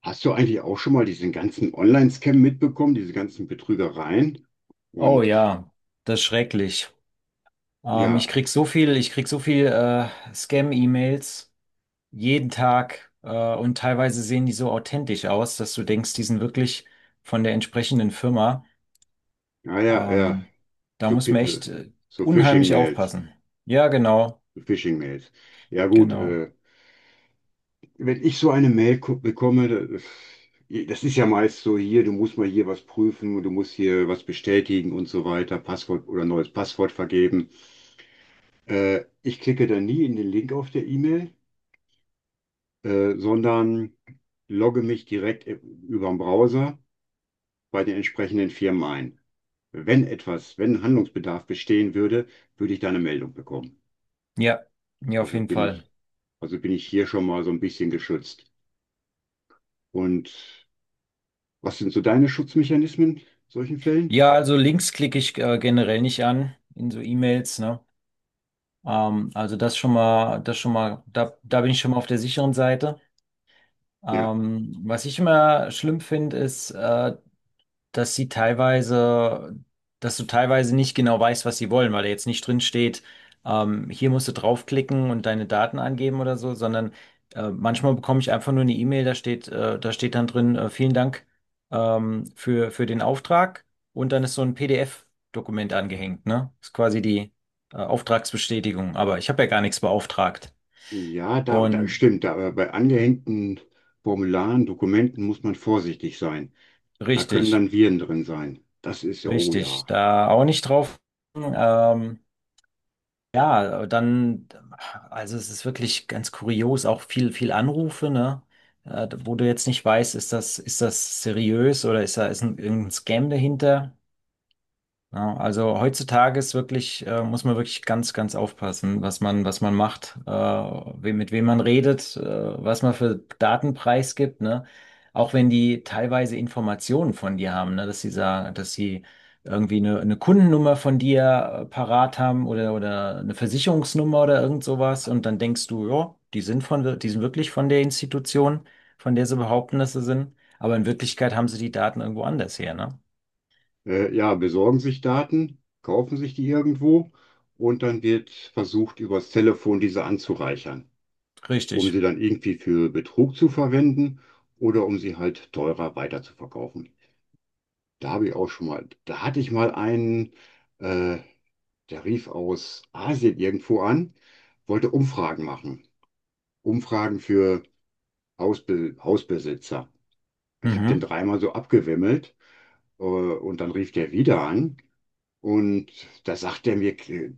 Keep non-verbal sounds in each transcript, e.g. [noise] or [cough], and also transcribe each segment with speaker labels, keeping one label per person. Speaker 1: Hast du eigentlich auch schon mal diesen ganzen Online-Scam mitbekommen, diese ganzen Betrügereien?
Speaker 2: Oh
Speaker 1: Und
Speaker 2: ja, das ist schrecklich.
Speaker 1: ja,
Speaker 2: Ich krieg so viel Scam-E-Mails jeden Tag, und teilweise sehen die so authentisch aus, dass du denkst, die sind wirklich von der entsprechenden Firma.
Speaker 1: ja, ja, ja,
Speaker 2: Ähm, Da
Speaker 1: so,
Speaker 2: muss man echt
Speaker 1: So
Speaker 2: unheimlich
Speaker 1: Phishing-Mails,
Speaker 2: aufpassen. Ja, genau,
Speaker 1: so Phishing-Mails. Ja gut,
Speaker 2: genau.
Speaker 1: wenn ich so eine Mail bekomme, das ist ja meist so hier, du musst mal hier was prüfen, du musst hier was bestätigen und so weiter, Passwort oder neues Passwort vergeben. Ich klicke da nie in den Link auf der E-Mail, sondern logge mich direkt über den Browser bei den entsprechenden Firmen ein. Wenn etwas, wenn Handlungsbedarf bestehen würde, würde ich da eine Meldung bekommen.
Speaker 2: Ja, ja, auf
Speaker 1: Also
Speaker 2: jeden
Speaker 1: bin
Speaker 2: Fall.
Speaker 1: ich, also bin ich hier schon mal so ein bisschen geschützt. Und was sind so deine Schutzmechanismen in solchen Fällen?
Speaker 2: Ja, also Links klicke ich generell nicht an in so E-Mails, ne? Also das schon mal, da bin ich schon mal auf der sicheren Seite.
Speaker 1: Ja,
Speaker 2: Was ich immer schlimm finde, ist, dass sie teilweise, dass du teilweise nicht genau weißt, was sie wollen, weil da jetzt nicht drin steht, hier musst du draufklicken und deine Daten angeben oder so, sondern manchmal bekomme ich einfach nur eine E-Mail, da steht dann drin, vielen Dank für den Auftrag und dann ist so ein PDF-Dokument angehängt, ne? Ist quasi die Auftragsbestätigung, aber ich habe ja gar nichts beauftragt.
Speaker 1: ja, da
Speaker 2: Und
Speaker 1: stimmt. Da, bei angehängten Formularen, Dokumenten muss man vorsichtig sein. Da können
Speaker 2: richtig.
Speaker 1: dann Viren drin sein. Das ist ja, oh
Speaker 2: Richtig,
Speaker 1: ja.
Speaker 2: da auch nicht drauf. Ähm, ja, dann, also es ist wirklich ganz kurios, auch viel Anrufe, ne? Wo du jetzt nicht weißt, ist das seriös oder ist ein, irgendein Scam dahinter? Ja, also heutzutage ist wirklich, muss man wirklich ganz aufpassen, was man macht, we mit wem man redet, was man für Daten preisgibt, ne? Auch wenn die teilweise Informationen von dir haben, ne? Dass sie sagen, dass sie irgendwie eine Kundennummer von dir parat haben oder eine Versicherungsnummer oder irgend sowas und dann denkst du, ja, die sind wirklich von der Institution, von der sie behaupten, dass sie sind. Aber in Wirklichkeit haben sie die Daten irgendwo anders her, ne?
Speaker 1: Ja, besorgen sich Daten, kaufen sich die irgendwo und dann wird versucht, übers Telefon diese anzureichern, um
Speaker 2: Richtig.
Speaker 1: sie dann irgendwie für Betrug zu verwenden oder um sie halt teurer weiterzuverkaufen. Da habe ich auch schon mal, da hatte ich mal einen, äh, der rief aus Asien irgendwo an, wollte Umfragen machen. Umfragen für Hausbesitzer. Ich habe den
Speaker 2: Mhm.
Speaker 1: dreimal so abgewimmelt, und dann rief der wieder an. Und da sagt er mir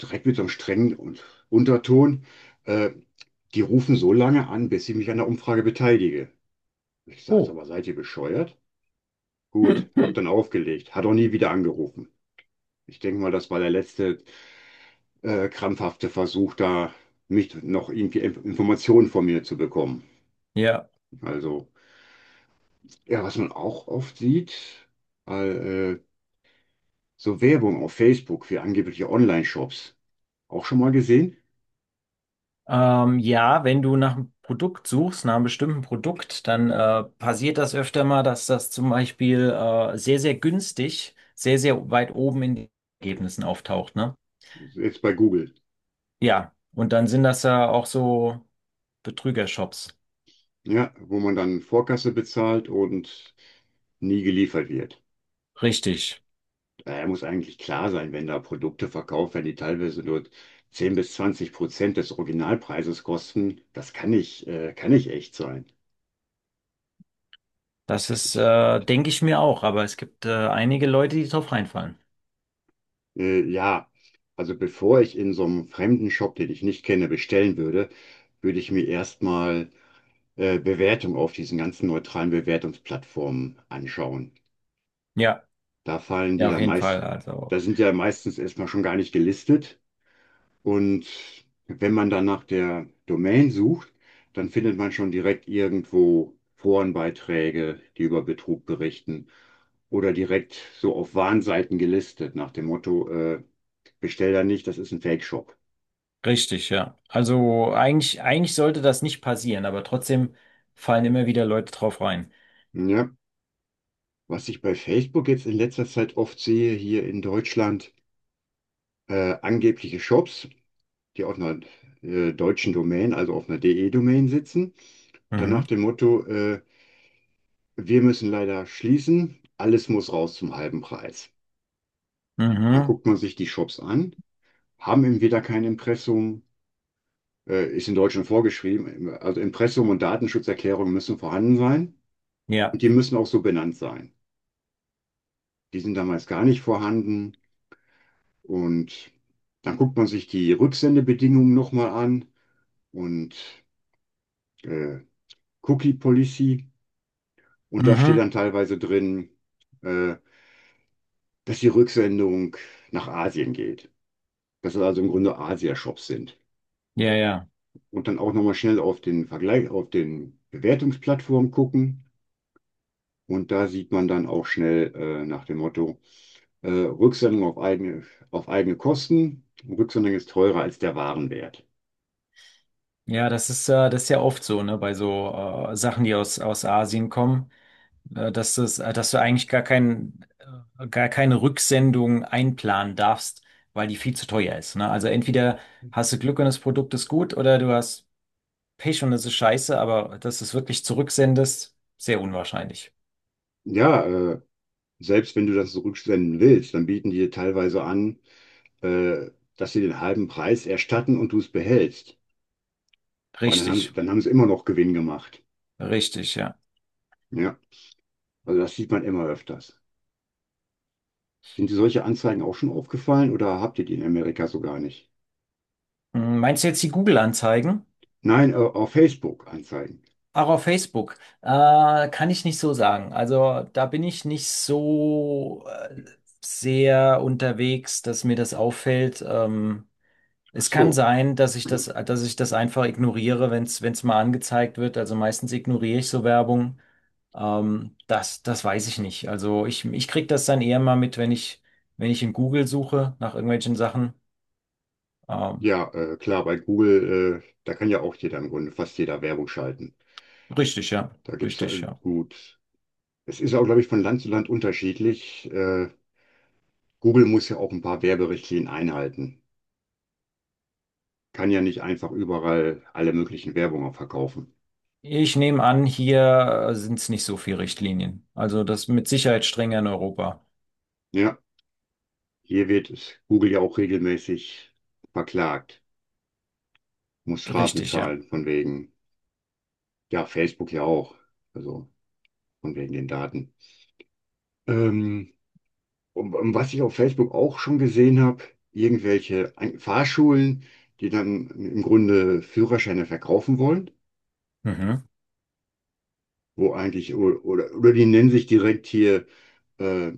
Speaker 1: direkt mit so einem strengen Unterton, äh, die rufen so lange an, bis ich mich an der Umfrage beteilige. Ich sagte
Speaker 2: Oh.
Speaker 1: aber, seid ihr bescheuert? Gut, hab dann
Speaker 2: [laughs]
Speaker 1: aufgelegt. Hat auch nie wieder angerufen. Ich denke mal, das war der letzte krampfhafte Versuch, da mich noch irgendwie Informationen von mir zu bekommen.
Speaker 2: Ja.
Speaker 1: Also, ja, was man auch oft sieht, äh, äh, so Werbung auf Facebook für angebliche Online-Shops. Auch schon mal gesehen?
Speaker 2: Ja, wenn du nach einem Produkt suchst, nach einem bestimmten Produkt, dann passiert das öfter mal, dass das zum Beispiel sehr günstig, sehr weit oben in den Ergebnissen auftaucht, ne?
Speaker 1: Jetzt bei Google.
Speaker 2: Ja, und dann sind das ja auch so Betrügershops.
Speaker 1: Ja, wo man dann Vorkasse bezahlt und nie geliefert wird.
Speaker 2: Richtig.
Speaker 1: Naja, muss eigentlich klar sein, wenn da Produkte verkauft werden, die teilweise nur 10 bis 20 Prozent des Originalpreises kosten. Das kann nicht echt sein.
Speaker 2: Das
Speaker 1: Das
Speaker 2: ist,
Speaker 1: ist,
Speaker 2: denke ich mir auch, aber es gibt einige Leute, die drauf reinfallen.
Speaker 1: ja, also bevor ich in so einem fremden Shop, den ich nicht kenne, bestellen würde, würde ich mir erstmal Bewertungen auf diesen ganzen neutralen Bewertungsplattformen anschauen.
Speaker 2: Ja,
Speaker 1: Da fallen die
Speaker 2: ja,
Speaker 1: da
Speaker 2: auf jeden
Speaker 1: meist,
Speaker 2: Fall. Also.
Speaker 1: da sind die ja meistens erstmal schon gar nicht gelistet. Und wenn man dann nach der Domain sucht, dann findet man schon direkt irgendwo Forenbeiträge, die über Betrug berichten oder direkt so auf Warnseiten gelistet nach dem Motto, bestell da nicht, das ist ein Fake-Shop.
Speaker 2: Richtig, ja. Also eigentlich sollte das nicht passieren, aber trotzdem fallen immer wieder Leute drauf rein.
Speaker 1: Ja. Was ich bei Facebook jetzt in letzter Zeit oft sehe, hier in Deutschland, angebliche Shops, die auf einer deutschen Domain, also auf einer DE-Domain sitzen, dann
Speaker 2: Mhm.
Speaker 1: nach dem Motto, wir müssen leider schließen. Alles muss raus zum halben Preis. Dann
Speaker 2: Mhm.
Speaker 1: guckt man sich die Shops an, haben entweder kein Impressum, ist in Deutschland vorgeschrieben, also Impressum und Datenschutzerklärung müssen vorhanden sein
Speaker 2: Ja.
Speaker 1: und die müssen auch so benannt sein. Die sind damals gar nicht vorhanden und dann guckt man sich die Rücksendebedingungen nochmal an und äh, Cookie Policy, und da steht
Speaker 2: Mhm.
Speaker 1: dann teilweise drin, äh, dass die Rücksendung nach Asien geht, dass das also im Grunde Asia-Shops sind.
Speaker 2: Ja, ja.
Speaker 1: Und dann auch nochmal schnell auf den Vergleich, auf den Bewertungsplattformen gucken. Und da sieht man dann auch schnell nach dem Motto, Rücksendung auf eigene Kosten. Rücksendung ist teurer als der Warenwert.
Speaker 2: Ja, das ist ja oft so, ne, bei so Sachen, die aus Asien kommen, dass das, dass du eigentlich gar kein, gar keine Rücksendung einplanen darfst, weil die viel zu teuer ist, ne? Also entweder hast du Glück und das Produkt ist gut oder du hast Pech und es ist scheiße, aber dass du es wirklich zurücksendest, sehr unwahrscheinlich.
Speaker 1: Ja, äh, selbst wenn du das zurücksenden willst, dann bieten die dir teilweise an, äh, dass sie den halben Preis erstatten und du es behältst. Aber dann haben,
Speaker 2: Richtig.
Speaker 1: dann haben sie immer noch Gewinn gemacht.
Speaker 2: Richtig, ja.
Speaker 1: Ja, also das sieht man immer öfters. Sind dir solche Anzeigen auch schon aufgefallen oder habt ihr die in Amerika so gar nicht?
Speaker 2: Hm, meinst du jetzt die Google-Anzeigen?
Speaker 1: Nein, auf Facebook Anzeigen.
Speaker 2: Auch auf Facebook? Kann ich nicht so sagen. Also da bin ich nicht so sehr unterwegs, dass mir das auffällt.
Speaker 1: Ach
Speaker 2: Es kann
Speaker 1: so.
Speaker 2: sein,
Speaker 1: [clears throat]
Speaker 2: dass ich das einfach ignoriere, wenn es mal angezeigt wird. Also meistens ignoriere ich so Werbung. Das weiß ich nicht. Also ich kriege das dann eher mal mit, wenn ich in Google suche nach irgendwelchen Sachen. Ähm,
Speaker 1: Ja, klar, bei Google, da kann ja auch jeder im Grunde, fast jeder Werbung schalten.
Speaker 2: richtig, ja.
Speaker 1: Da gibt's ja,
Speaker 2: Richtig, ja.
Speaker 1: gut. Es ist auch, glaube ich, von Land zu Land unterschiedlich. Google muss ja auch ein paar Werberichtlinien einhalten. Kann ja nicht einfach überall alle möglichen Werbungen verkaufen.
Speaker 2: Ich nehme an, hier sind es nicht so viele Richtlinien. Also das mit Sicherheit strenger in Europa.
Speaker 1: Ja, hier wird es Google ja auch regelmäßig verklagt, muss Strafen
Speaker 2: Richtig, ja.
Speaker 1: zahlen von wegen. Ja, Facebook ja auch. Also von wegen den Daten. Ähm, und was ich auf Facebook auch schon gesehen habe, irgendwelche Fahrschulen, die dann im Grunde Führerscheine verkaufen wollen,
Speaker 2: Mhm.
Speaker 1: wo eigentlich, oder die nennen sich direkt hier äh,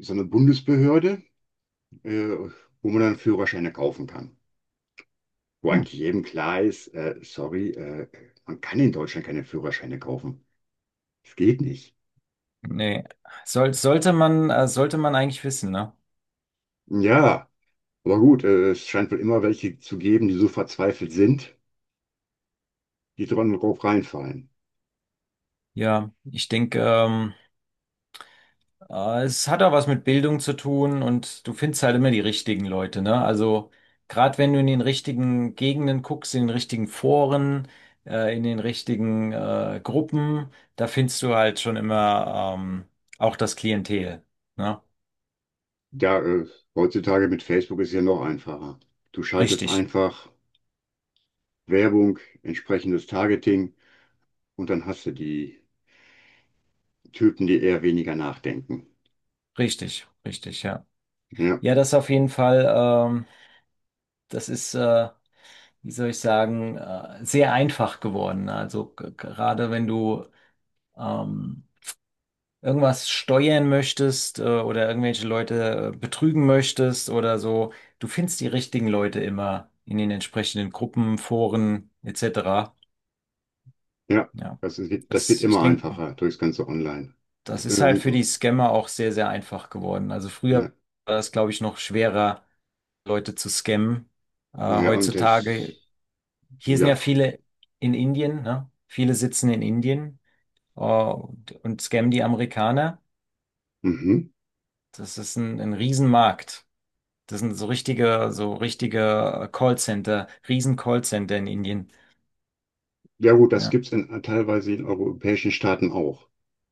Speaker 1: so eine Bundesbehörde, äh, wo man dann Führerscheine kaufen kann. Wo
Speaker 2: Hm.
Speaker 1: eigentlich jedem klar ist, sorry, man kann in Deutschland keine Führerscheine kaufen. Das geht nicht.
Speaker 2: Nee. Sollte man eigentlich wissen, ne?
Speaker 1: Ja, aber gut, es scheint wohl immer welche zu geben, die so verzweifelt sind, die drauf reinfallen.
Speaker 2: Ja, ich denke, es hat auch was mit Bildung zu tun und du findest halt immer die richtigen Leute, ne? Also gerade wenn du in den richtigen Gegenden guckst, in den richtigen Foren, in den richtigen Gruppen, da findest du halt schon immer auch das Klientel, ne?
Speaker 1: Da, heutzutage mit Facebook ist ja noch einfacher. Du schaltest
Speaker 2: Richtig.
Speaker 1: einfach Werbung, entsprechendes Targeting und dann hast du die Typen, die eher weniger nachdenken.
Speaker 2: Richtig, richtig, ja.
Speaker 1: Ja,
Speaker 2: Ja, das auf jeden Fall, das ist, wie soll ich sagen, sehr einfach geworden. Also gerade wenn du ähm, irgendwas steuern möchtest, oder irgendwelche Leute betrügen möchtest oder so, du findest die richtigen Leute immer in den entsprechenden Gruppen, Foren etc.
Speaker 1: ja,
Speaker 2: Ja,
Speaker 1: das wird
Speaker 2: ich
Speaker 1: immer
Speaker 2: denke.
Speaker 1: einfacher durchs ganze Online.
Speaker 2: Das ist halt für
Speaker 1: Ähm,
Speaker 2: die Scammer auch sehr einfach geworden. Also früher
Speaker 1: ja,
Speaker 2: war das, glaube ich, noch schwerer, Leute zu scammen. Äh,
Speaker 1: oh ja, und
Speaker 2: heutzutage,
Speaker 1: das,
Speaker 2: hier sind
Speaker 1: ja,
Speaker 2: ja
Speaker 1: f-
Speaker 2: viele in Indien, ne? Viele sitzen in Indien, und scammen die Amerikaner.
Speaker 1: mhm.
Speaker 2: Das ist ein Riesenmarkt. Das sind so richtige Callcenter, Riesen-Callcenter in Indien.
Speaker 1: Ja gut, das
Speaker 2: Ja.
Speaker 1: gibt's in, teilweise in europäischen Staaten auch.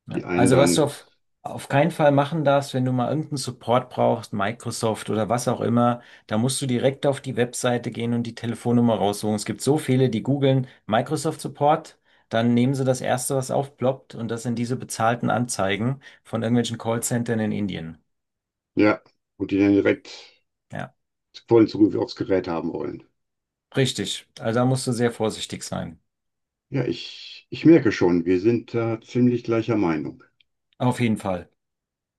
Speaker 2: Ja.
Speaker 1: Die einen
Speaker 2: Also was du
Speaker 1: dann.
Speaker 2: auf keinen Fall machen darfst, wenn du mal irgendeinen Support brauchst, Microsoft oder was auch immer, da musst du direkt auf die Webseite gehen und die Telefonnummer raussuchen. Es gibt so viele, die googeln Microsoft Support, dann nehmen sie das Erste, was aufploppt und das sind diese bezahlten Anzeigen von irgendwelchen Callcentern in Indien.
Speaker 1: Ja, und die dann direkt
Speaker 2: Ja,
Speaker 1: vollen Zugriff aufs Gerät haben wollen.
Speaker 2: richtig. Also da musst du sehr vorsichtig sein.
Speaker 1: Ja, ich merke schon, wir sind da ziemlich gleicher Meinung.
Speaker 2: Auf jeden Fall.